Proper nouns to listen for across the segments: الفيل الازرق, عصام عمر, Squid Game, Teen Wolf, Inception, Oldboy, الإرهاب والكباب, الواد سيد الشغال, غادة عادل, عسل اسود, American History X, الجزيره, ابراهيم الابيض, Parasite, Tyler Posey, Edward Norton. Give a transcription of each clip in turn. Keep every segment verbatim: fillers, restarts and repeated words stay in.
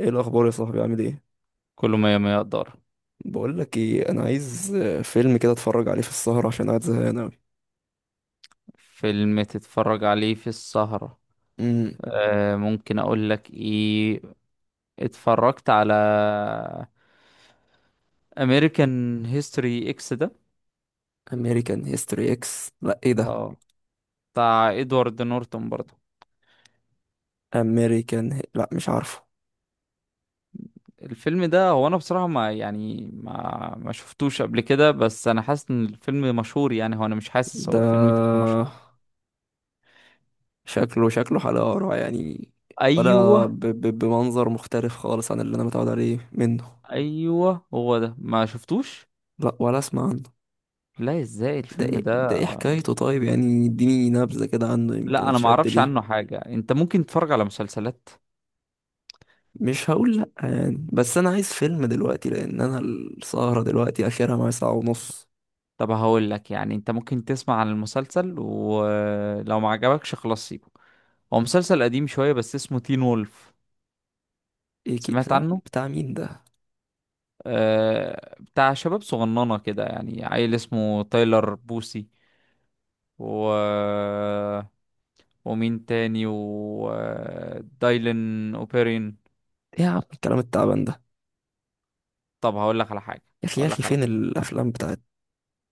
ايه الاخبار يا صاحبي؟ عامل ايه؟ كله مية مية دار. بقول لك ايه، انا عايز آه، فيلم كده اتفرج عليه في السهره عشان قاعد زهقان اوي. فيلم تتفرج عليه في السهرة؟ امم آه ممكن اقول لك ايه. اتفرجت على امريكان هيستوري اكس ده. امريكان هيستوري اكس؟ لا، ايه ده؟ اه، بتاع ادوارد نورتون برضه. امريكان، لا مش عارفه. الفيلم ده، هو انا بصراحة ما يعني، ما ما شفتوش قبل كده، بس انا حاسس ان الفيلم مشهور يعني. هو انا مش حاسس، ده هو الفيلم فعلا مشهور؟ شكله شكله حلقه قرع يعني، ايوه. ولا ب... ب... بمنظر مختلف خالص عن اللي انا متعود عليه منه. ايوه هو ده، ما شفتوش. لا، ولا اسمع عنه. لا ازاي ده الفيلم ايه؟ ده؟ ده ايه حكايته طيب؟ يعني اديني نبذه كده عنه يمكن لا انا ما اتشد اعرفش ليه. عنه حاجه، انت ممكن تتفرج على مسلسلات. مش هقول لأ يعني، بس أنا عايز فيلم دلوقتي لأن أنا السهرة دلوقتي آخرها معايا ساعة ونص. طب هقول لك يعني، انت ممكن تسمع عن المسلسل، ولو ما عجبكش خلاص سيبه. هو مسلسل قديم شويه، بس اسمه تين وولف. ايه كي؟ سمعت بتاع عنه؟ بتاع مين ده؟ آه، بتاع شباب صغننه كده، يعني عيل اسمه تايلر بوسي، و ومين تاني، ودايلن اوبيرين. ايه يا عم الكلام التعبان ده؟ طب هقول لك على حاجه. يا اخي يا هقول اخي لك على فين حاجه. الافلام بتاعت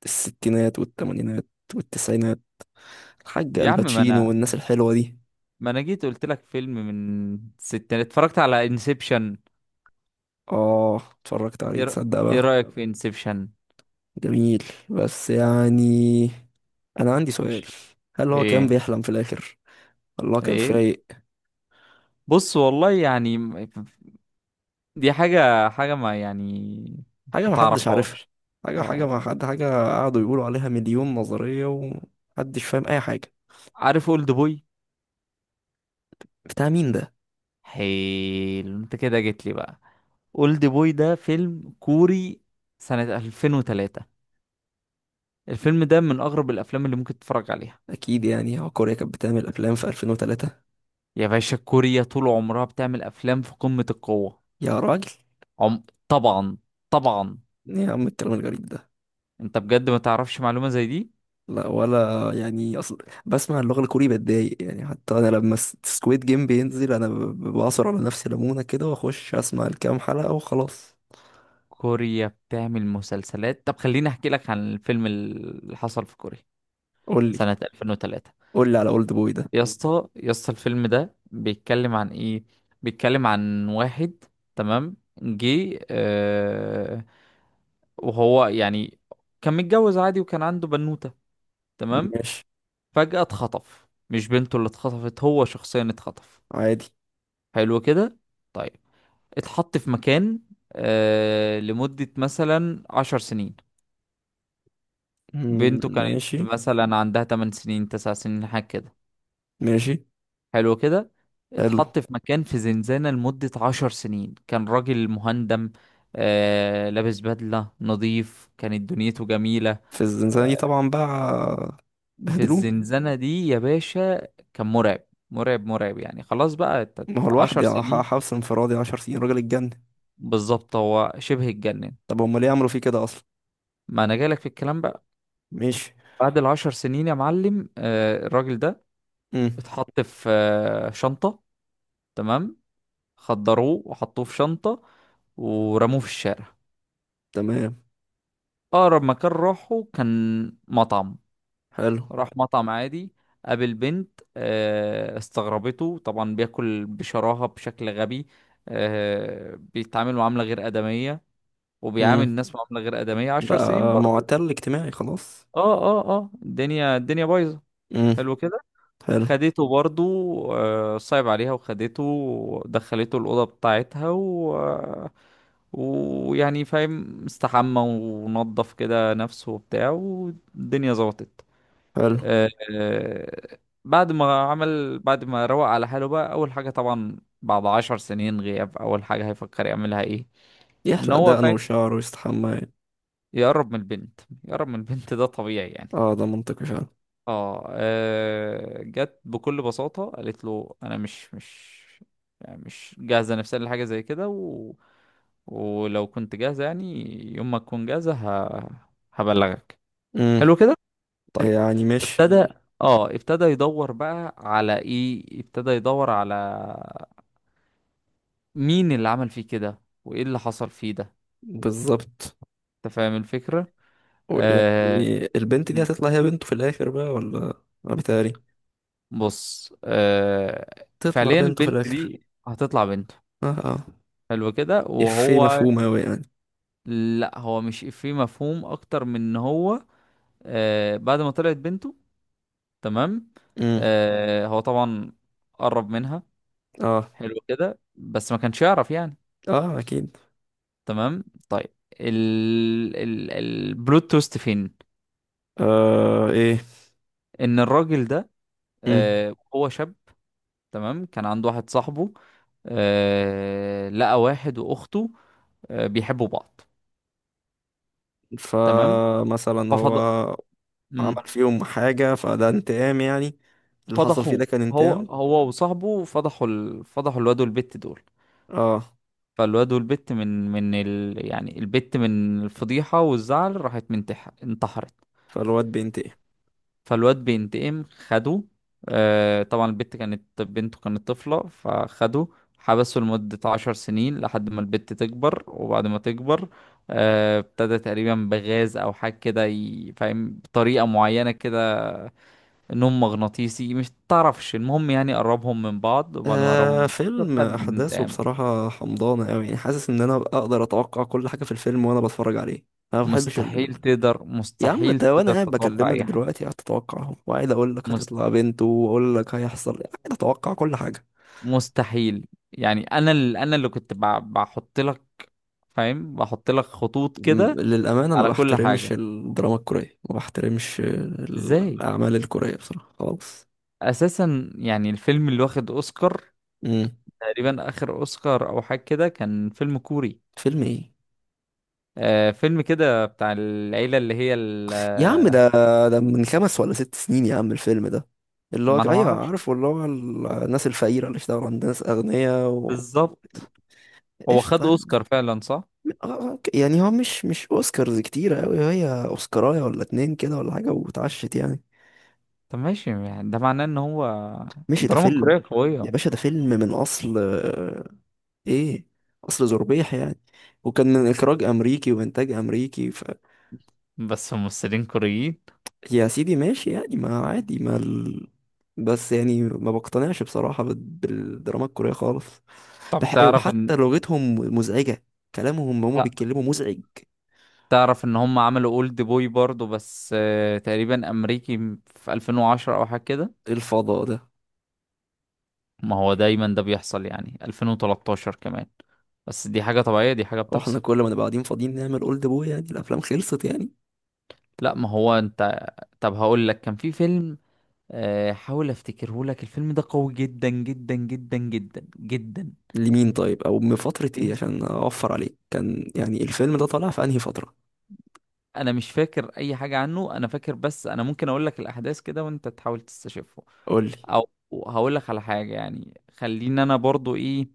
الستينات والثمانينات والتسعينات، الحاج يا عم، ما الباتشينو انا والناس الحلوه دي؟ ما انا جيت قلت لك فيلم من ستة، اتفرجت على انسبشن. اه اتفرجت عليه، ايه رأ- تصدق إيه بقى؟ رأيك في انسبشن؟ جميل، بس يعني انا عندي سؤال. مش. هل هو كان ايه. بيحلم في الاخر؟ الله، كان ايه. فايق؟ بص والله يعني م- دي حاجة، حاجة، ما يعني، حاجه ما ما حدش عارفها. تعرفهاش. حاجه حاجه ما اه، حد حاجه قعدوا يقولوا عليها مليون نظريه ومحدش فاهم اي حاجه. عارف اولد بوي؟ بتاع مين ده؟ حلو انت كده جيت لي بقى. اولد بوي ده فيلم كوري سنة ألفين وثلاثة. الفيلم ده من اغرب الافلام اللي ممكن تتفرج عليها. اكيد، يعني هو كوريا كانت بتعمل افلام في ألفين وثلاثة؟ يا باشا، كوريا طول عمرها بتعمل افلام في قمة القوة. يا راجل! عم... طبعا، طبعا. ايه يا عم الكلام الغريب ده؟ انت بجد ما تعرفش معلومة زي دي؟ لا، ولا يعني، اصل بسمع اللغة الكوري بتضايق يعني. حتى انا لما سكويد جيم بينزل انا ب- ب- بعصر على نفسي ليمونة كده واخش اسمع الكام حلقة وخلاص. كوريا بتعمل مسلسلات. طب خليني احكي لك عن الفيلم اللي حصل في كوريا، قول لي، سنة ألفين وثلاثة. قول لي على اولد بوي ده. يا اسطى، يا اسطى، الفيلم ده بيتكلم عن ايه؟ بيتكلم عن واحد. تمام. جه آه وهو يعني كان متجوز عادي، وكان عنده بنوتة. تمام. ماشي. فجأة اتخطف. مش بنته اللي اتخطفت، هو شخصيا اتخطف. عادي. حلو كده. طيب. اتحط في مكان آه لمدة مثلا عشر سنين. مم، بنته كانت ماشي. مثلا عندها 8 سنين، 9 سنين، حاجة كده. ماشي. حلو كده. حلو. اتحط في مكان، في زنزانة لمدة 10 سنين. كان راجل مهندم، آه لابس بدلة نظيف، كانت دنيته جميلة. في الزنزانة دي طبعا بقى في بهدلوه. الزنزانة دي يا باشا، كان مرعب، مرعب، مرعب يعني. خلاص بقى، ت- ما ت- هو عشر لوحدي، ح- سنين حبس انفرادي عشر سنين، راجل اتجنن. بالظبط، هو شبه اتجنن. طب هما ليه عملوا فيه كده اصلا؟ ما انا جالك في الكلام بقى. ماشي. بعد العشر سنين يا معلم، آه، الراجل ده مم، اتحط في آه، شنطة. تمام. خدروه وحطوه في شنطة، ورموه في الشارع. تمام. أقرب مكان راحه كان مطعم. حلو. راح مطعم عادي، قابل بنت. آه، استغربته طبعا، بياكل بشراهة بشكل غبي، آه، بيتعامل معاملة غير آدمية، وبيعامل مم. الناس معاملة غير آدمية عشر سنين بقى برضه. معتل اجتماعي خلاص. اه، اه، اه، الدنيا، الدنيا بايظة. امم. حلو كده. حلو. خدته برضو، آه، صعب عليها، وخدته ودخلته الأوضة بتاعتها و... آه، ويعني فاهم، استحمى ونضف كده نفسه وبتاع، والدنيا ظبطت. حلو. آه، آه، بعد ما عمل بعد ما روق على حاله بقى، أول حاجة طبعا بعد عشر سنين غياب، أول حاجة هيفكر يعملها إيه؟ إن يحلق هو دقنه فاهم وشعره ويستحمى. يقرب من البنت يقرب من البنت ده طبيعي يعني. اه ده منطقي فعلا. اه، آه، جت بكل بساطة قالت له: انا مش مش يعني، مش جاهزة نفسيا لحاجة زي كده، و... ولو كنت جاهزة يعني، يوم ما تكون جاهزة ه... هبلغك. امم. حلو كده. طيب. يعني ماشي. ابتدى مم. اه، ابتدى يدور بقى على ايه، ابتدى يدور على مين اللي عمل فيه كده وايه اللي حصل فيه ده. بالظبط. انت فاهم الفكرة. و- يعني آه... البنت دي هتطلع هي بنته في الاخر بقى، ولا ولا بيتهيألي؟ بص، آه... تطلع فعليا بنته في البنت الاخر. دي هتطلع بنته. اه اه. حلو كده. افيه وهو مفهوم اوي يعني. لا، هو مش في مفهوم اكتر من ان هو آه بعد ما طلعت بنته. تمام. امم. آه هو طبعا قرب منها. اه حلو كده، بس ما كانش يعرف يعني. اه اكيد. تمام. طيب. ال ال البلوت تويست فين؟ آه ايه. ان الراجل ده امم. آه هو شاب. تمام. كان عنده واحد صاحبه، آه لقى واحد واخته، آه بيحبوا بعض. تمام. فمثلا هو ففضل عمل فيهم حاجة فده انتقام يعني؟ اللي حصل فيه ده فضحوه. كان هو انتقام؟ هو وصاحبه فضحوا ال... فضحوا الواد والبت دول. اه. فالواد والبت، من من ال... يعني البت، من الفضيحة والزعل، راحت منتح... انتحرت. فالواد بينتقم. فالواد بينتقم، خده. آه طبعا البت كانت بنته، كانت طفلة، فخده حبسه لمدة عشر سنين لحد ما البت تكبر، وبعد ما تكبر آه، ابتدى تقريبا بغاز او حاجة كده، ي- فاهم، بطريقة معينة كده، نوم مغناطيسي مش تعرفش. المهم يعني، قربهم من بعض، وبعد ما قربهم آه من بعض، فيلم خد احداثه انتقام. بصراحه حمضانه قوي، يعني حاسس ان انا اقدر اتوقع كل حاجه في الفيلم وانا بتفرج عليه. انا ما بحبش مستحيل ال... تقدر، يا عم مستحيل ده وانا تقدر قاعد تتوقع بكلمك اي حاجه. دلوقتي قاعد اتوقعهم، وقاعد اقول لك مست... هتطلع بنت، واقول لك هيحصل إيه. قاعد اتوقع كل حاجه. مستحيل. يعني انا اللي انا اللي كنت ب... بحط لك، فاهم، بحط لك خطوط كده م- للامانه ما على كل بحترمش حاجه. الدراما الكوريه، ما بحترمش ازاي؟ الاعمال الكوريه بصراحه خالص. اساسا يعني، الفيلم اللي واخد اوسكار، امم. تقريبا اخر اوسكار او حاجه كده، كان فيلم كوري. فيلم ايه؟ آه فيلم كده بتاع العيله، اللي هي ال- يا عم ده، ده من خمس ولا ست سنين يا عم الفيلم ده، اللي هو ما انا ما ايوه اعرفش. عارف اللي هو ال- الناس الفقيرة اللي اشتغلوا عند ناس اغنياء و... بالظبط. هو قشطة خد يعني. اوسكار فعلا صح؟ آه، أوكي. يعني هو مش مش اوسكارز كتيرة اوي، هي اوسكاراية ولا اتنين كده ولا حاجة واتعشت يعني. طب ماشي يعني، ده معناه ان هو ماشي، ده الدراما فيلم. الكورية يا قوية. باشا ده فيلم من اصل آه، ايه، اصل زربيح يعني، وكان من اخراج امريكي وانتاج امريكي ف... بس ممثلين كوريين. يا سيدي ماشي يعني، ما عادي، ما ال... بس يعني ما بقتنعش بصراحة بال- بالدراما الكورية خالص. طب بح... تعرف ان وحتى لغتهم مزعجة، كلامهم هما لا، بيتكلموا مزعج. تعرف ان هم عملوا اولد بوي برضو، بس آه، تقريبا امريكي، في ألفين وعشرة او حاجة كده. إيه الفضاء ده؟ ما هو دايما ده بيحصل يعني، ألفين وتلتاشر كمان. بس دي حاجة طبيعية، دي حاجة هو احنا بتحصل. كل ما نبقى قاعدين فاضيين نعمل اولد بوي؟ يعني الافلام خلصت يعني؟ لا ما هو انت. طب هقول لك، كان في فيلم آه، حاول افتكره لك. الفيلم ده قوي جدا، جدا، جدا، جدا، جدا. لمين طيب؟ او من فترة ايه، ايه. عشان اوفر عليك، كان يعني الفيلم ده طالع في انهي فترة؟ انا مش فاكر اي حاجه عنه، انا فاكر بس. انا ممكن اقول لك الاحداث كده، وانت تحاول تستشفه، قول لي. او هقول لك على حاجه يعني. خليني انا برضو ايه.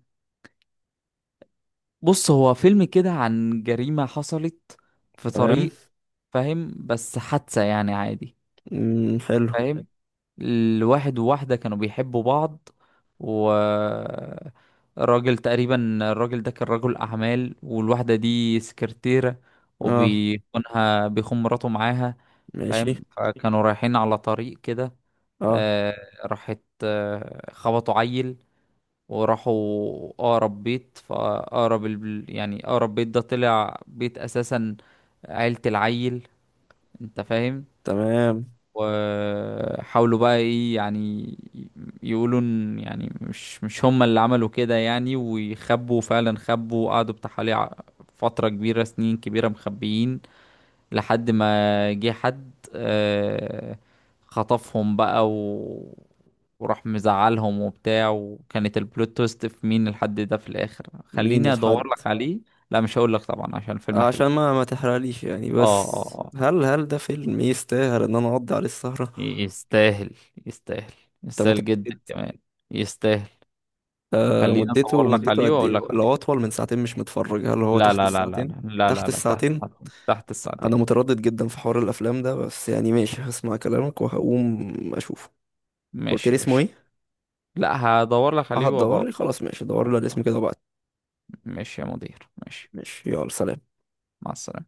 بص، هو فيلم كده عن جريمه حصلت في تمام. طريق، فاهم، بس حادثه يعني عادي، امم. حلو. فاهم. الواحد وواحده كانوا بيحبوا بعض، و الراجل تقريبا الراجل ده كان رجل اعمال، والواحده دي سكرتيره، اه. وبيخونها بيخون مراته معاها، ماشي. فاهم. فكانوا رايحين على طريق كده، اه. آه راحت آه خبطوا عيل، وراحوا اقرب بيت، فاقرب ال... يعني اقرب بيت ده طلع بيت اساسا، عيلة العيل، انت فاهم. تمام. وحاولوا بقى ايه يعني، يقولوا ان يعني مش مش هم اللي عملوا كده يعني، ويخبوا فعلا. خبوا وقعدوا بتاع حوالي ع- فترة كبيرة، سنين كبيرة، مخبيين، لحد ما جه حد، آه، خطفهم بقى، و... وراح مزعلهم وبتاع. وكانت البلوت تويست في مين الحد ده في الاخر. مين خليني ادور الحد؟ لك عليه. لا مش هقول لك طبعا، عشان الفيلم حلو. عشان ما ما تحرقليش يعني، اه، بس اه، آه. هل هل ده فيلم يستاهل ان انا اقضي عليه السهرة؟ يستاهل، يستاهل، انت يستاهل جدا متأكد؟ كمان، يستاهل. آه، خليني مدته ادور لك مدته عليه قد واقول ايه؟ لك عليه. لو اطول من ساعتين مش متفرج، هل هو لا، تحت لا، لا، لا، الساعتين؟ لا، لا، لا، تحت لا. تحت. الساعتين. تحت الساعتين. انا متردد جدا في حوار الافلام ده، بس يعني ماشي هسمع كلامك وهقوم اشوفه. قلت ماشي لي يا اسمه باشا. ايه؟ لا، هدور لك اه عليه هتدور وبقول لي، لك. خلاص ماشي، دور لي آه، على الاسم آه. كده وبعد. ماشي يا مدير، ماشي. ماشي يلا سلام. مع السلامة.